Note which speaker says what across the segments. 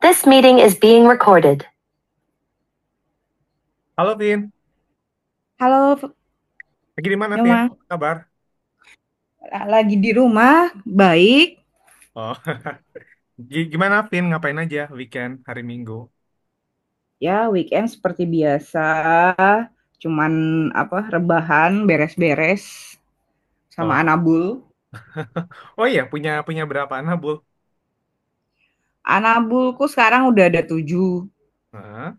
Speaker 1: This meeting is being recorded.
Speaker 2: Halo Vin,
Speaker 1: Halo,
Speaker 2: lagi di mana Vin?
Speaker 1: Yoma.
Speaker 2: Apa kabar?
Speaker 1: Lagi di rumah, baik.
Speaker 2: Oh, Gimana Vin? Ngapain aja weekend hari Minggu?
Speaker 1: Ya, weekend seperti biasa. Cuman apa rebahan, beres-beres
Speaker 2: Oh,
Speaker 1: sama Anabul.
Speaker 2: oh iya punya punya berapa anak Bul?
Speaker 1: Anabulku sekarang udah ada tujuh.
Speaker 2: Hah?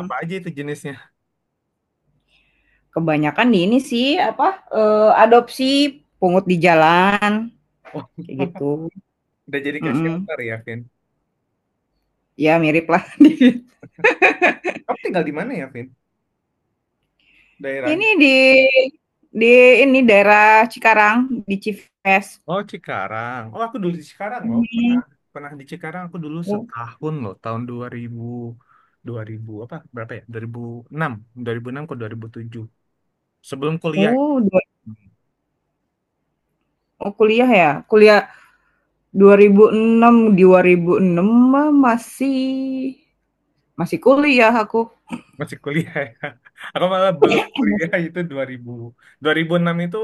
Speaker 2: Apa aja itu jenisnya?
Speaker 1: Kebanyakan di ini sih apa adopsi pungut di jalan
Speaker 2: Oh,
Speaker 1: kayak gitu.
Speaker 2: udah jadi ke
Speaker 1: Mm-mm.
Speaker 2: shelter ya Vin.
Speaker 1: Ya mirip lah.
Speaker 2: Kamu tinggal di mana ya Vin? Daerahnya?
Speaker 1: Ini di ini daerah Cikarang di Cives.
Speaker 2: Oh Cikarang. Oh aku dulu di Cikarang loh. Pernah
Speaker 1: Mm.
Speaker 2: pernah di Cikarang aku dulu setahun loh. Tahun dua ribu apa berapa ya? Dua dua ribu enam, 2006 ke 2007, sebelum kuliah.
Speaker 1: Oh dua oh kuliah ya? Kuliah 2006 mah masih masih kuliah aku.
Speaker 2: Masih kuliah ya. Aku malah belum kuliah itu 2000. 2006 itu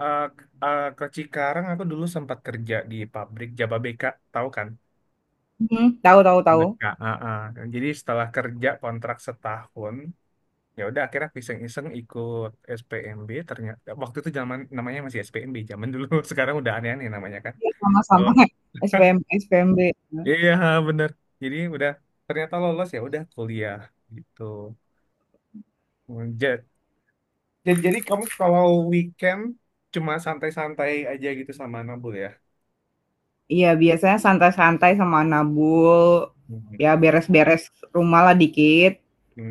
Speaker 2: ke Cikarang aku dulu sempat kerja di pabrik Jababeka, tahu kan?
Speaker 1: Mhm. Tahu, tahu, tahu.
Speaker 2: Merdeka. Ah, ah. Jadi setelah kerja kontrak setahun, ya udah akhirnya aku iseng-iseng ikut SPMB, ternyata waktu itu zaman namanya masih SPMB zaman dulu. Sekarang udah aneh-aneh namanya kan.
Speaker 1: Iya, sama-sama.
Speaker 2: Oh.
Speaker 1: SPMB, heeh.
Speaker 2: Iya, bener. Jadi udah ternyata lolos ya udah kuliah gitu. Jadi kamu kalau weekend cuma santai-santai aja gitu sama Nabul ya?
Speaker 1: Iya, biasanya santai-santai sama nabul, ya
Speaker 2: Mhm.
Speaker 1: beres-beres rumah lah dikit,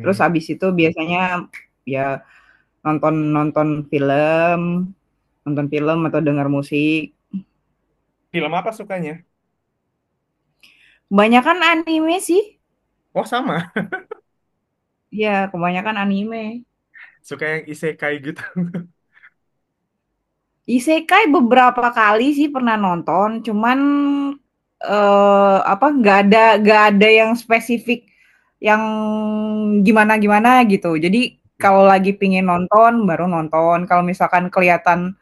Speaker 1: terus habis itu biasanya ya nonton nonton film atau denger musik.
Speaker 2: Film apa sukanya?
Speaker 1: Kebanyakan anime sih.
Speaker 2: Oh sama,
Speaker 1: Iya, kebanyakan anime.
Speaker 2: suka yang isekai gitu.
Speaker 1: Isekai beberapa kali sih pernah nonton, cuman, apa, nggak ada yang spesifik yang gimana-gimana gitu. Jadi
Speaker 2: Oke.
Speaker 1: kalau lagi pingin nonton, baru nonton, kalau misalkan kelihatan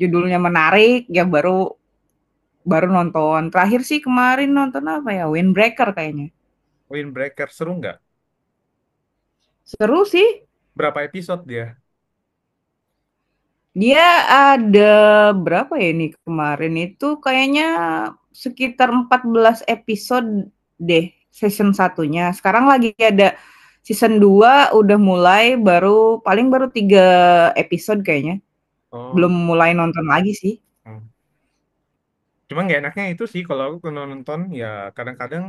Speaker 1: judulnya menarik, ya baru baru nonton. Terakhir sih kemarin nonton apa ya, Windbreaker kayaknya.
Speaker 2: Windbreaker seru nggak?
Speaker 1: Seru sih.
Speaker 2: Berapa episode dia?
Speaker 1: Dia ada berapa ya ini, kemarin itu kayaknya sekitar 14 episode deh season satunya. Sekarang lagi ada season 2 udah mulai baru paling baru 3 episode kayaknya,
Speaker 2: Oh,
Speaker 1: belum
Speaker 2: gitu.
Speaker 1: mulai nonton lagi sih.
Speaker 2: Cuma nggak enaknya itu sih kalau aku kalau nonton ya kadang-kadang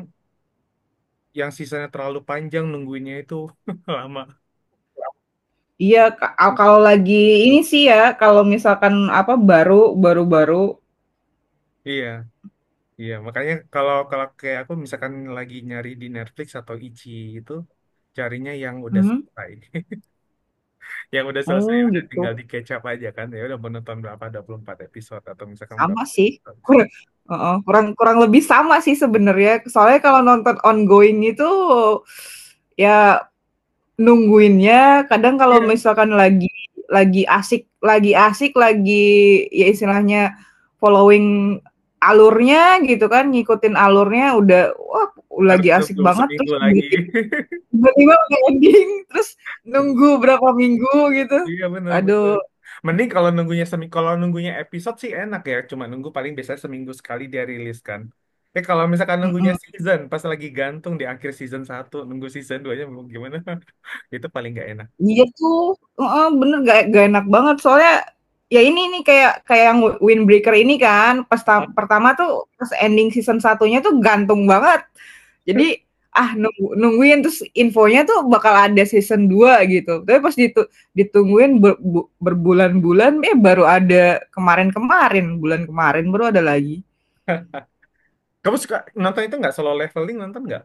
Speaker 2: yang sisanya terlalu panjang nungguinnya itu lama.
Speaker 1: Iya, kalau lagi ini sih ya, kalau misalkan, apa, baru baru baru
Speaker 2: Iya, iya. Makanya kalau kalau kayak aku misalkan lagi nyari di Netflix atau Ichi itu carinya yang udah
Speaker 1: Mhm.
Speaker 2: selesai. Yang udah selesai ya
Speaker 1: Oh,
Speaker 2: udah tinggal
Speaker 1: gitu.
Speaker 2: di catch up aja kan, ya udah menonton berapa, 24 episode atau misalkan
Speaker 1: Sama
Speaker 2: berapa
Speaker 1: sih. kur
Speaker 2: episode.
Speaker 1: heeh, kurang kurang lebih sama sih sebenarnya, soalnya kalau nonton ongoing itu, ya nungguinnya kadang kalau
Speaker 2: Iya,
Speaker 1: misalkan lagi asik, lagi ya istilahnya following alurnya gitu kan, ngikutin alurnya udah, wah
Speaker 2: harus
Speaker 1: lagi asik
Speaker 2: nunggu
Speaker 1: banget
Speaker 2: seminggu
Speaker 1: terus
Speaker 2: lagi.
Speaker 1: tiba-tiba udah ending, terus nunggu berapa minggu gitu,
Speaker 2: Iya, benar benar.
Speaker 1: aduh.
Speaker 2: Mending kalau nunggunya seminggu, kalau nunggunya episode sih enak ya, cuma nunggu paling biasanya seminggu sekali dia rilis kan. Eh kalau misalkan nunggunya
Speaker 1: Mhm.
Speaker 2: season pas lagi gantung di akhir season satu nunggu season 2 nya mau gimana. Itu paling nggak enak.
Speaker 1: Iya tuh. Heeh, bener, nggak enak banget soalnya, ya ini nih kayak kayak yang Windbreaker ini kan pas ta pertama tuh pas ending season satunya tuh gantung banget. Jadi, nungguin terus infonya tuh bakal ada season 2 gitu, tapi pas ditungguin berbulan-bulan, baru ada kemarin-kemarin, bulan kemarin baru ada lagi.
Speaker 2: Kamu suka nonton itu nggak, solo leveling, nonton nggak?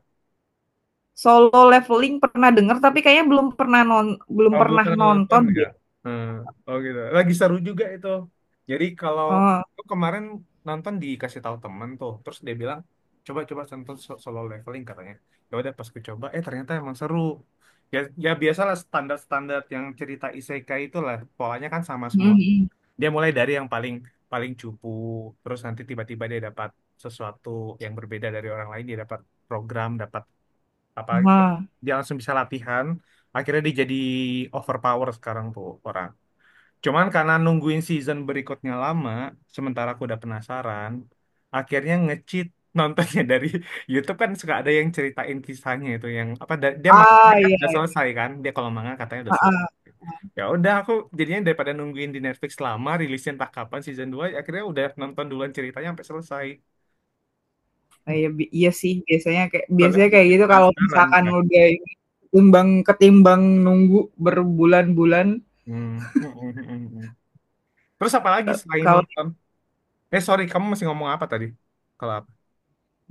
Speaker 1: Solo Leveling pernah denger tapi kayaknya belum
Speaker 2: Oh, belum
Speaker 1: pernah
Speaker 2: pernah nonton
Speaker 1: nonton
Speaker 2: ya?
Speaker 1: deh.
Speaker 2: Hmm. Oh gitu. Lagi seru juga itu. Jadi kalau
Speaker 1: Heeh.
Speaker 2: aku kemarin nonton dikasih tahu temen tuh, terus dia bilang coba coba nonton solo leveling katanya. Ya udah pas ku coba, eh ternyata emang seru. Ya, ya, biasalah standar-standar yang cerita isekai itulah polanya kan sama
Speaker 1: Mhm,
Speaker 2: semua.
Speaker 1: mhm.
Speaker 2: Dia mulai dari yang paling paling cupu, terus nanti tiba-tiba dia dapat sesuatu yang berbeda dari orang lain, dia dapat program, dapat apa
Speaker 1: Heeh.
Speaker 2: dia langsung bisa latihan, akhirnya dia jadi overpower sekarang tuh orang. Cuman karena nungguin season berikutnya lama, sementara aku udah penasaran, akhirnya nge-cheat nontonnya dari YouTube, kan suka ada yang ceritain kisahnya itu, yang apa dia
Speaker 1: Ah,
Speaker 2: manganya kan
Speaker 1: iya.
Speaker 2: udah selesai kan, dia kalau manga katanya udah selesai,
Speaker 1: Heeh,
Speaker 2: ya udah aku jadinya daripada nungguin di Netflix lama rilisnya entah kapan season dua, akhirnya udah nonton duluan ceritanya sampai selesai,
Speaker 1: iya sih biasanya kayak
Speaker 2: soalnya
Speaker 1: biasanya kayak
Speaker 2: bikin
Speaker 1: gitu kalau
Speaker 2: penasaran
Speaker 1: misalkan
Speaker 2: kan.
Speaker 1: udah ini, ketimbang ketimbang nunggu berbulan-bulan.
Speaker 2: Hmm. Terus apa lagi
Speaker 1: ke
Speaker 2: selain
Speaker 1: kalau
Speaker 2: nonton? Eh sorry, kamu masih ngomong apa tadi? Kalau apa?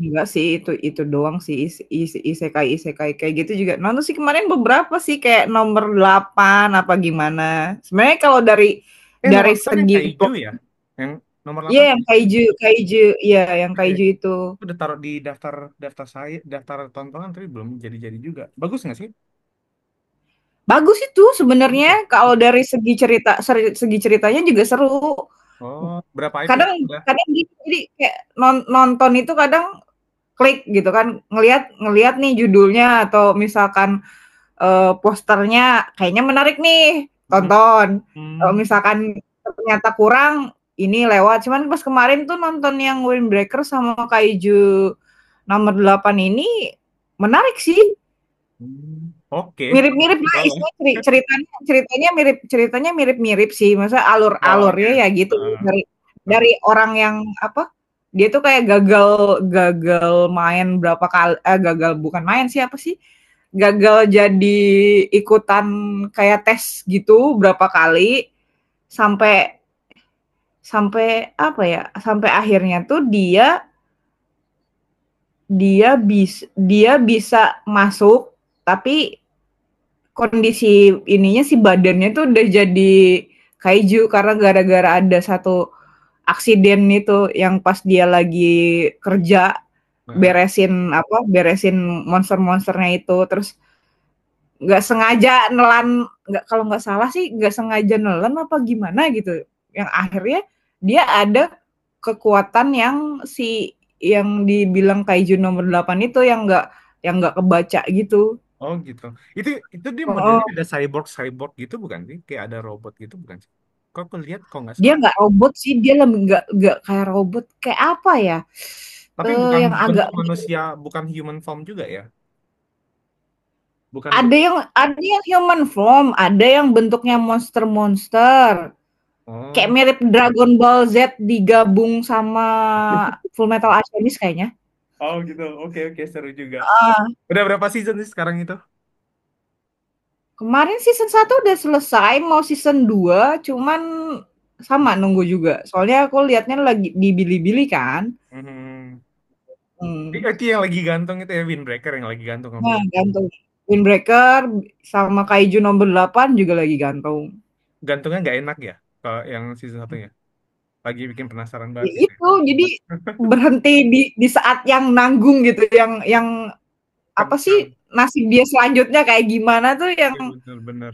Speaker 1: enggak sih itu doang sih is is isekai-isekai kayak gitu juga nonton sih kemarin beberapa sih kayak nomor 8 apa gimana. Sebenarnya kalau dari
Speaker 2: Eh, nomor
Speaker 1: dari
Speaker 2: 8 yang
Speaker 1: segi
Speaker 2: kayak hijau
Speaker 1: plot
Speaker 2: ya? Yang nomor
Speaker 1: iya
Speaker 2: delapan
Speaker 1: yang
Speaker 2: kayak hijau ya?
Speaker 1: Kaiju Kaiju, iya yang
Speaker 2: Eh,
Speaker 1: Kaiju itu.
Speaker 2: itu udah taruh di daftar daftar saya, daftar tontonan tapi belum jadi-jadi juga. Bagus nggak sih?
Speaker 1: Bagus itu
Speaker 2: Bagus ya?
Speaker 1: sebenarnya kalau dari segi ceritanya juga seru.
Speaker 2: Oh, berapa episode
Speaker 1: Kadang
Speaker 2: udah?
Speaker 1: kadang gitu, jadi kayak nonton itu kadang klik gitu kan, ngelihat ngelihat nih judulnya atau misalkan, posternya kayaknya menarik nih,
Speaker 2: Hmm,
Speaker 1: tonton. Kalau
Speaker 2: hmm,
Speaker 1: misalkan ternyata kurang, ini lewat. Cuman pas kemarin tuh nonton yang Windbreaker sama Kaiju Nomor 8 ini menarik sih.
Speaker 2: hmm. Oke,
Speaker 1: Mirip-mirip lah
Speaker 2: boleh.
Speaker 1: isinya. Ceritanya ceritanya mirip ceritanya mirip-mirip sih, maksudnya
Speaker 2: Polanya.
Speaker 1: alur-alurnya ya gitu
Speaker 2: Heeh,
Speaker 1: dari
Speaker 2: heeh,
Speaker 1: dari orang yang apa, dia tuh kayak gagal gagal main berapa kali, eh, gagal bukan main sih, apa sih, gagal jadi ikutan kayak tes gitu berapa kali, sampai sampai apa ya, sampai akhirnya tuh dia dia bis dia bisa masuk, tapi kondisi ininya sih badannya tuh udah jadi kaiju karena gara-gara ada satu aksiden itu yang pas dia lagi kerja
Speaker 2: heeh.
Speaker 1: beresin monster-monsternya itu terus nggak sengaja nelan, nggak, kalau nggak salah sih nggak sengaja nelan apa gimana gitu, yang akhirnya dia ada kekuatan yang si yang dibilang kaiju nomor 8 itu yang nggak kebaca gitu.
Speaker 2: Oh gitu. Itu itu dia
Speaker 1: Heeh.
Speaker 2: modelnya ada cyborg cyborg gitu bukan sih? Kayak ada robot gitu bukan sih? Kok aku lihat kok nggak
Speaker 1: Dia
Speaker 2: salah.
Speaker 1: nggak robot sih, dia lem nggak kayak robot, kayak apa ya,
Speaker 2: Tapi bukan
Speaker 1: yang agak
Speaker 2: bentuk
Speaker 1: mi
Speaker 2: manusia, bukan human form juga ya? Bukan bentuk.
Speaker 1: ada yang human form, ada yang bentuknya monster-monster, kayak
Speaker 2: Oh.
Speaker 1: mirip Dragon Ball Z digabung sama Fullmetal Alchemist kayaknya.
Speaker 2: Oh gitu, oke, oke, seru juga. Udah berapa season sih sekarang itu?
Speaker 1: Kemarin season 1 udah selesai, mau season 2, cuman sama nunggu juga, soalnya aku lihatnya lagi di Bilibili kan.
Speaker 2: Hmm. I-
Speaker 1: mmm,
Speaker 2: Itu yang lagi gantung itu ya, Windbreaker yang lagi gantung kamu
Speaker 1: nah
Speaker 2: bilang.
Speaker 1: gantung. Windbreaker sama Kaiju Nomor delapan juga lagi gantung.
Speaker 2: Gantungnya nggak enak ya kalau yang season satunya. Lagi bikin penasaran banget
Speaker 1: Ya
Speaker 2: gitu, ya.
Speaker 1: itu, jadi berhenti di saat yang nanggung gitu, yang apa
Speaker 2: Kentang.
Speaker 1: sih, nasib dia selanjutnya kayak gimana tuh yang
Speaker 2: Iya, bener-bener.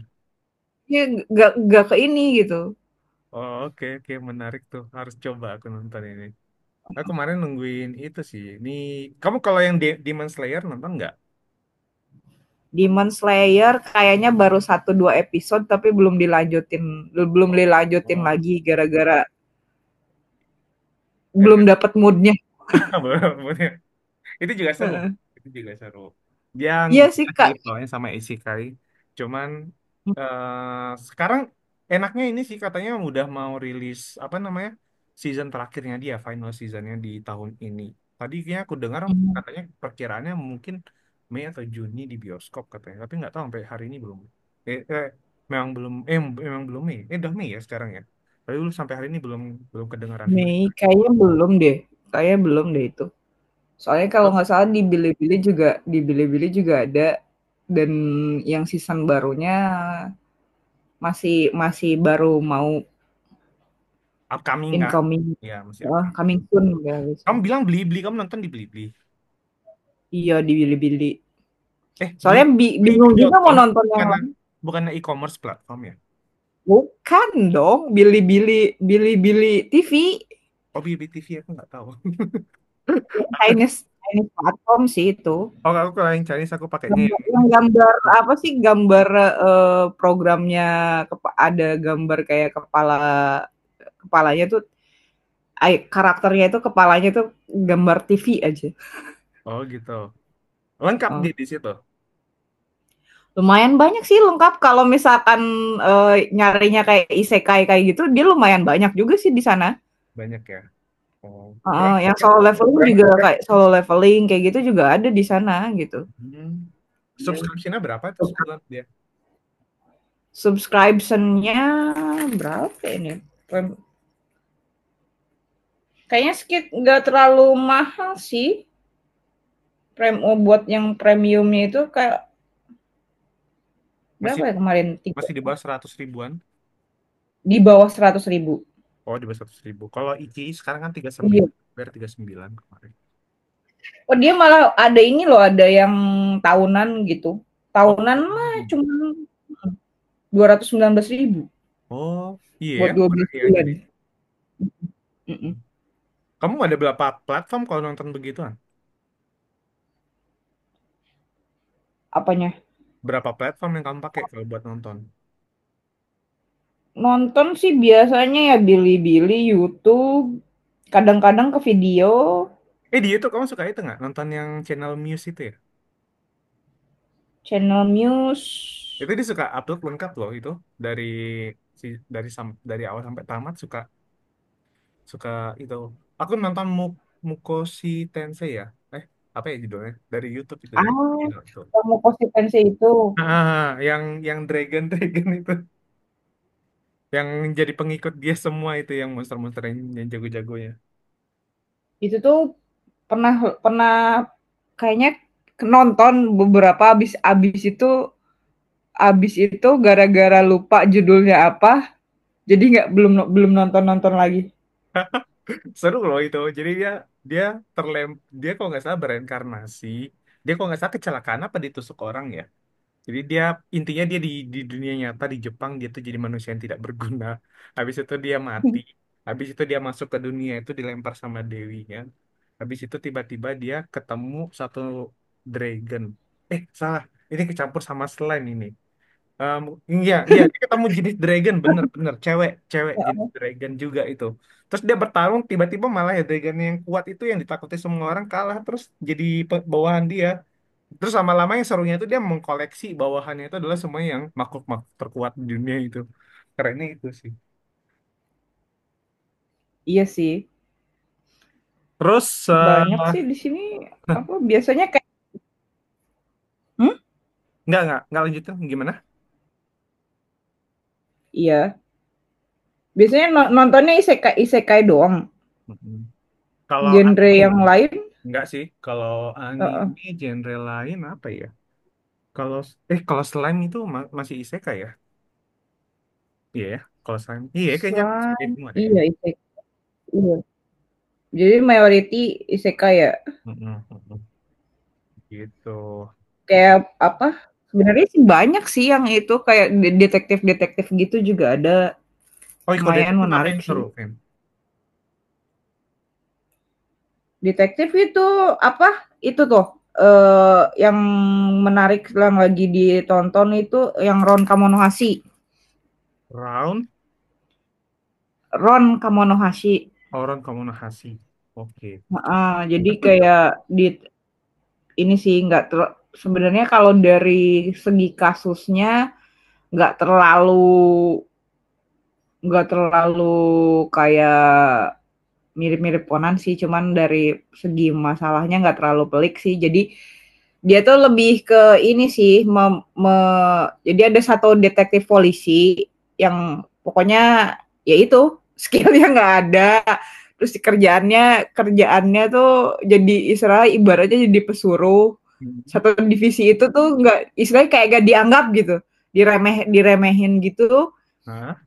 Speaker 1: yang nggak nggak ke ini gitu.
Speaker 2: Oh, oke, oke, menarik tuh. Harus coba aku nonton ini. Aku kemarin nungguin itu sih. Ini kamu kalau yang Demon Slayer nonton nggak?
Speaker 1: Demon Slayer kayaknya baru satu 2 episode tapi belum dilanjutin belum
Speaker 2: Oh,
Speaker 1: dilanjutin
Speaker 2: oh.
Speaker 1: lagi gara-gara belum
Speaker 2: Gara-gara
Speaker 1: dapet moodnya.
Speaker 2: belum. Itu juga seru. Itu juga seru. Yang
Speaker 1: Iya sih,
Speaker 2: beda sih
Speaker 1: Kak.
Speaker 2: pokoknya sama Isekai. Cuman eh sekarang enaknya ini sih katanya udah mau rilis apa namanya, season terakhirnya dia, final seasonnya di tahun ini. Tadi kayaknya aku dengar
Speaker 1: Mhm.
Speaker 2: katanya perkiraannya mungkin Mei atau Juni di bioskop katanya, tapi nggak tahu sampai hari ini belum. Eh, eh eh, memang belum Mei. Eh, udah Mei ya sekarang ya. Tapi dulu sampai hari ini belum, kedengaran berita.
Speaker 1: Mei kayaknya belum deh itu. Soalnya kalau nggak salah di Bilibili juga ada dan yang season barunya Masih masih baru mau
Speaker 2: Upcoming nggak?
Speaker 1: incoming.
Speaker 2: Ya masih
Speaker 1: Heeh,
Speaker 2: upcoming.
Speaker 1: coming soon katanya gitu.
Speaker 2: Kamu bilang Blibli, kamu nonton di Blibli.
Speaker 1: Iya di Bilibili.
Speaker 2: Eh, Bli,
Speaker 1: Soalnya bingung juga mau
Speaker 2: Blibli.com,
Speaker 1: nonton yang
Speaker 2: bukan bukan e-commerce platform ya?
Speaker 1: bukan dong, Bilibili Bilibili TV
Speaker 2: Oh, BBTV aku nggak tahu.
Speaker 1: yang Chinese Chinese platform sih itu.
Speaker 2: Oh, aku kalau yang Chinese aku pakainya yang
Speaker 1: Gambar yang gambar apa
Speaker 2: Viji.
Speaker 1: sih, gambar, eee, programnya ada gambar kayak kepalanya tuh, karakternya itu kepalanya tuh gambar TV aja.
Speaker 2: Oh, gitu. Lengkap
Speaker 1: Heeh.
Speaker 2: dia di situ.
Speaker 1: Lumayan banyak sih lengkap kalau misalkan, nyarinya kayak isekai kayak gitu, dia lumayan banyak juga sih di sana.
Speaker 2: Banyak ya. Oh,
Speaker 1: Heeh,
Speaker 2: berapa
Speaker 1: yang
Speaker 2: ya?
Speaker 1: solo leveling juga kayak solo leveling kayak gitu juga ada di sana gitu.
Speaker 2: Hmm.
Speaker 1: Iya.
Speaker 2: Subscription-nya berapa tuh sebulan dia?
Speaker 1: Subscription-nya berapa ini? Prem kayaknya skit Nggak terlalu mahal sih, prem buat yang premiumnya itu kayak
Speaker 2: Masih
Speaker 1: berapa ya kemarin,
Speaker 2: masih di bawah 100 ribuan.
Speaker 1: di bawah 100 ribu.
Speaker 2: Oh, di bawah 100 ribu. Kalau Ichi sekarang kan
Speaker 1: Iya.
Speaker 2: 39, bayar 39 kemarin.
Speaker 1: Oh, dia malah ada ini loh, ada yang tahunan gitu.
Speaker 2: Oh,
Speaker 1: Tahunan mah
Speaker 2: hmm.
Speaker 1: cuma 219 ribu
Speaker 2: Oh, iya,
Speaker 1: buat
Speaker 2: ya,
Speaker 1: dua
Speaker 2: murah
Speaker 1: belas
Speaker 2: ya
Speaker 1: bulan,
Speaker 2: jadi.
Speaker 1: Mhm.
Speaker 2: Kamu ada berapa platform kalau nonton begituan?
Speaker 1: Apanya?
Speaker 2: Berapa platform yang kamu pakai kalau buat nonton?
Speaker 1: Nonton sih biasanya ya Bilibili, YouTube, kadang-kadang ke video.
Speaker 2: Eh, di YouTube kamu suka itu nggak? Nonton yang channel Muse itu ya?
Speaker 1: Channel news
Speaker 2: Itu dia suka upload lengkap loh itu dari si dari awal sampai tamat, suka suka itu. Aku nonton Mukoshi Tensei ya. Eh, apa ya judulnya? Dari YouTube itu dari channel itu.
Speaker 1: yang Mukosequensi itu.
Speaker 2: Ah, ah, ah, yang Dragon Dragon itu yang jadi pengikut dia semua itu, yang monster-monster yang jago-jagonya.
Speaker 1: Itu tuh pernah pernah kayaknya nonton beberapa abis abis itu gara-gara lupa judulnya apa, jadi nggak belum belum nonton-nonton lagi.
Speaker 2: Seru loh itu, jadi dia dia terlem dia kalau nggak salah bereinkarnasi, dia kalau nggak salah kecelakaan apa ditusuk orang ya, jadi dia intinya dia di dunia nyata di Jepang dia tuh jadi manusia yang tidak berguna. Habis itu dia mati, habis itu dia masuk ke dunia itu dilempar sama dewinya, habis itu tiba-tiba dia ketemu satu dragon, eh salah, ini kecampur sama slime ini. Um, iya, iya, dia ketemu jenis dragon, bener-bener cewek, cewek jenis dragon juga itu. Terus dia bertarung, tiba-tiba malah ya dragon yang kuat itu yang ditakuti semua orang kalah, terus jadi bawahan dia. Terus lama-lama yang serunya itu dia mengkoleksi bawahannya itu adalah semua yang makhluk-makhluk terkuat di dunia itu. Kerennya itu sih.
Speaker 1: Iya sih,
Speaker 2: Terus, eh,
Speaker 1: banyak sih di sini, apa, biasanya kayak mhm?
Speaker 2: nggak lanjutin, gimana?
Speaker 1: Iya. Biasanya no nontonnya isekai isekai doang,
Speaker 2: Mm-mm. Kalau
Speaker 1: genre
Speaker 2: anime,
Speaker 1: yang lain.
Speaker 2: nggak sih. Kalau
Speaker 1: Heeh.
Speaker 2: anime genre lain apa ya? Kalau, kalau slime itu masih isekai ya? Iya, ya. Kalau selain iya kayaknya aku suka
Speaker 1: Slime,
Speaker 2: semua deh.
Speaker 1: iya, isekai, iya. Jadi mayoriti isekai ya,
Speaker 2: Mm-mm, mm-mm. Gitu.
Speaker 1: kayak apa, sebenarnya sih banyak sih yang itu kayak detektif-detektif gitu juga ada,
Speaker 2: Oh, iya, kalau
Speaker 1: lumayan
Speaker 2: detektif apa
Speaker 1: menarik
Speaker 2: yang seru,
Speaker 1: sih.
Speaker 2: Fem?
Speaker 1: Detektif itu apa, itu tuh, yang menarik yang lagi ditonton itu yang Ron Kamonohashi.
Speaker 2: Round
Speaker 1: Ron Kamonohashi.
Speaker 2: Horon Komunikasi. Oke. Aku.
Speaker 1: Heeh, jadi kayak di ini sih nggak ter sebenarnya kalau dari segi kasusnya nggak terlalu nggak terlalu kayak mirip-mirip Conan sih, cuman dari segi masalahnya nggak terlalu pelik sih. Jadi dia tuh lebih ke ini sih, jadi ada satu detektif polisi yang pokoknya ya itu skillnya nggak ada, terus kerjaannya kerjaannya tuh jadi Israel ibaratnya jadi pesuruh satu divisi itu tuh nggak istilahnya kayak gak dianggap gitu, diremehin gitu.
Speaker 2: Hah?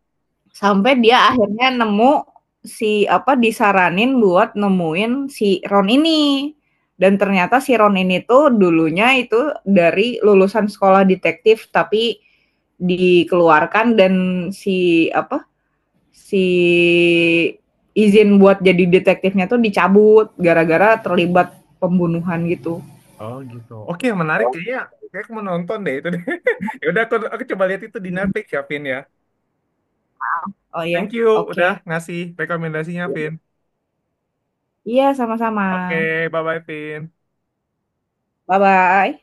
Speaker 1: Sampai dia akhirnya nemu si apa, disaranin buat nemuin si Ron ini. Dan ternyata si Ron ini tuh dulunya itu dari lulusan sekolah detektif tapi dikeluarkan dan si apa, si izin buat jadi detektifnya tuh dicabut gara-gara terlibat pembunuhan gitu.
Speaker 2: Oh gitu. Oke, menarik kayaknya. Kayak aku mau nonton deh itu deh. Ya udah aku, coba lihat itu di Netflix ya, Vin ya.
Speaker 1: Oh, iya,
Speaker 2: Thank you udah
Speaker 1: oke.
Speaker 2: ngasih rekomendasinya, Vin.
Speaker 1: Iya, sama-sama.
Speaker 2: Oke, bye-bye, Vin.
Speaker 1: Bye-bye.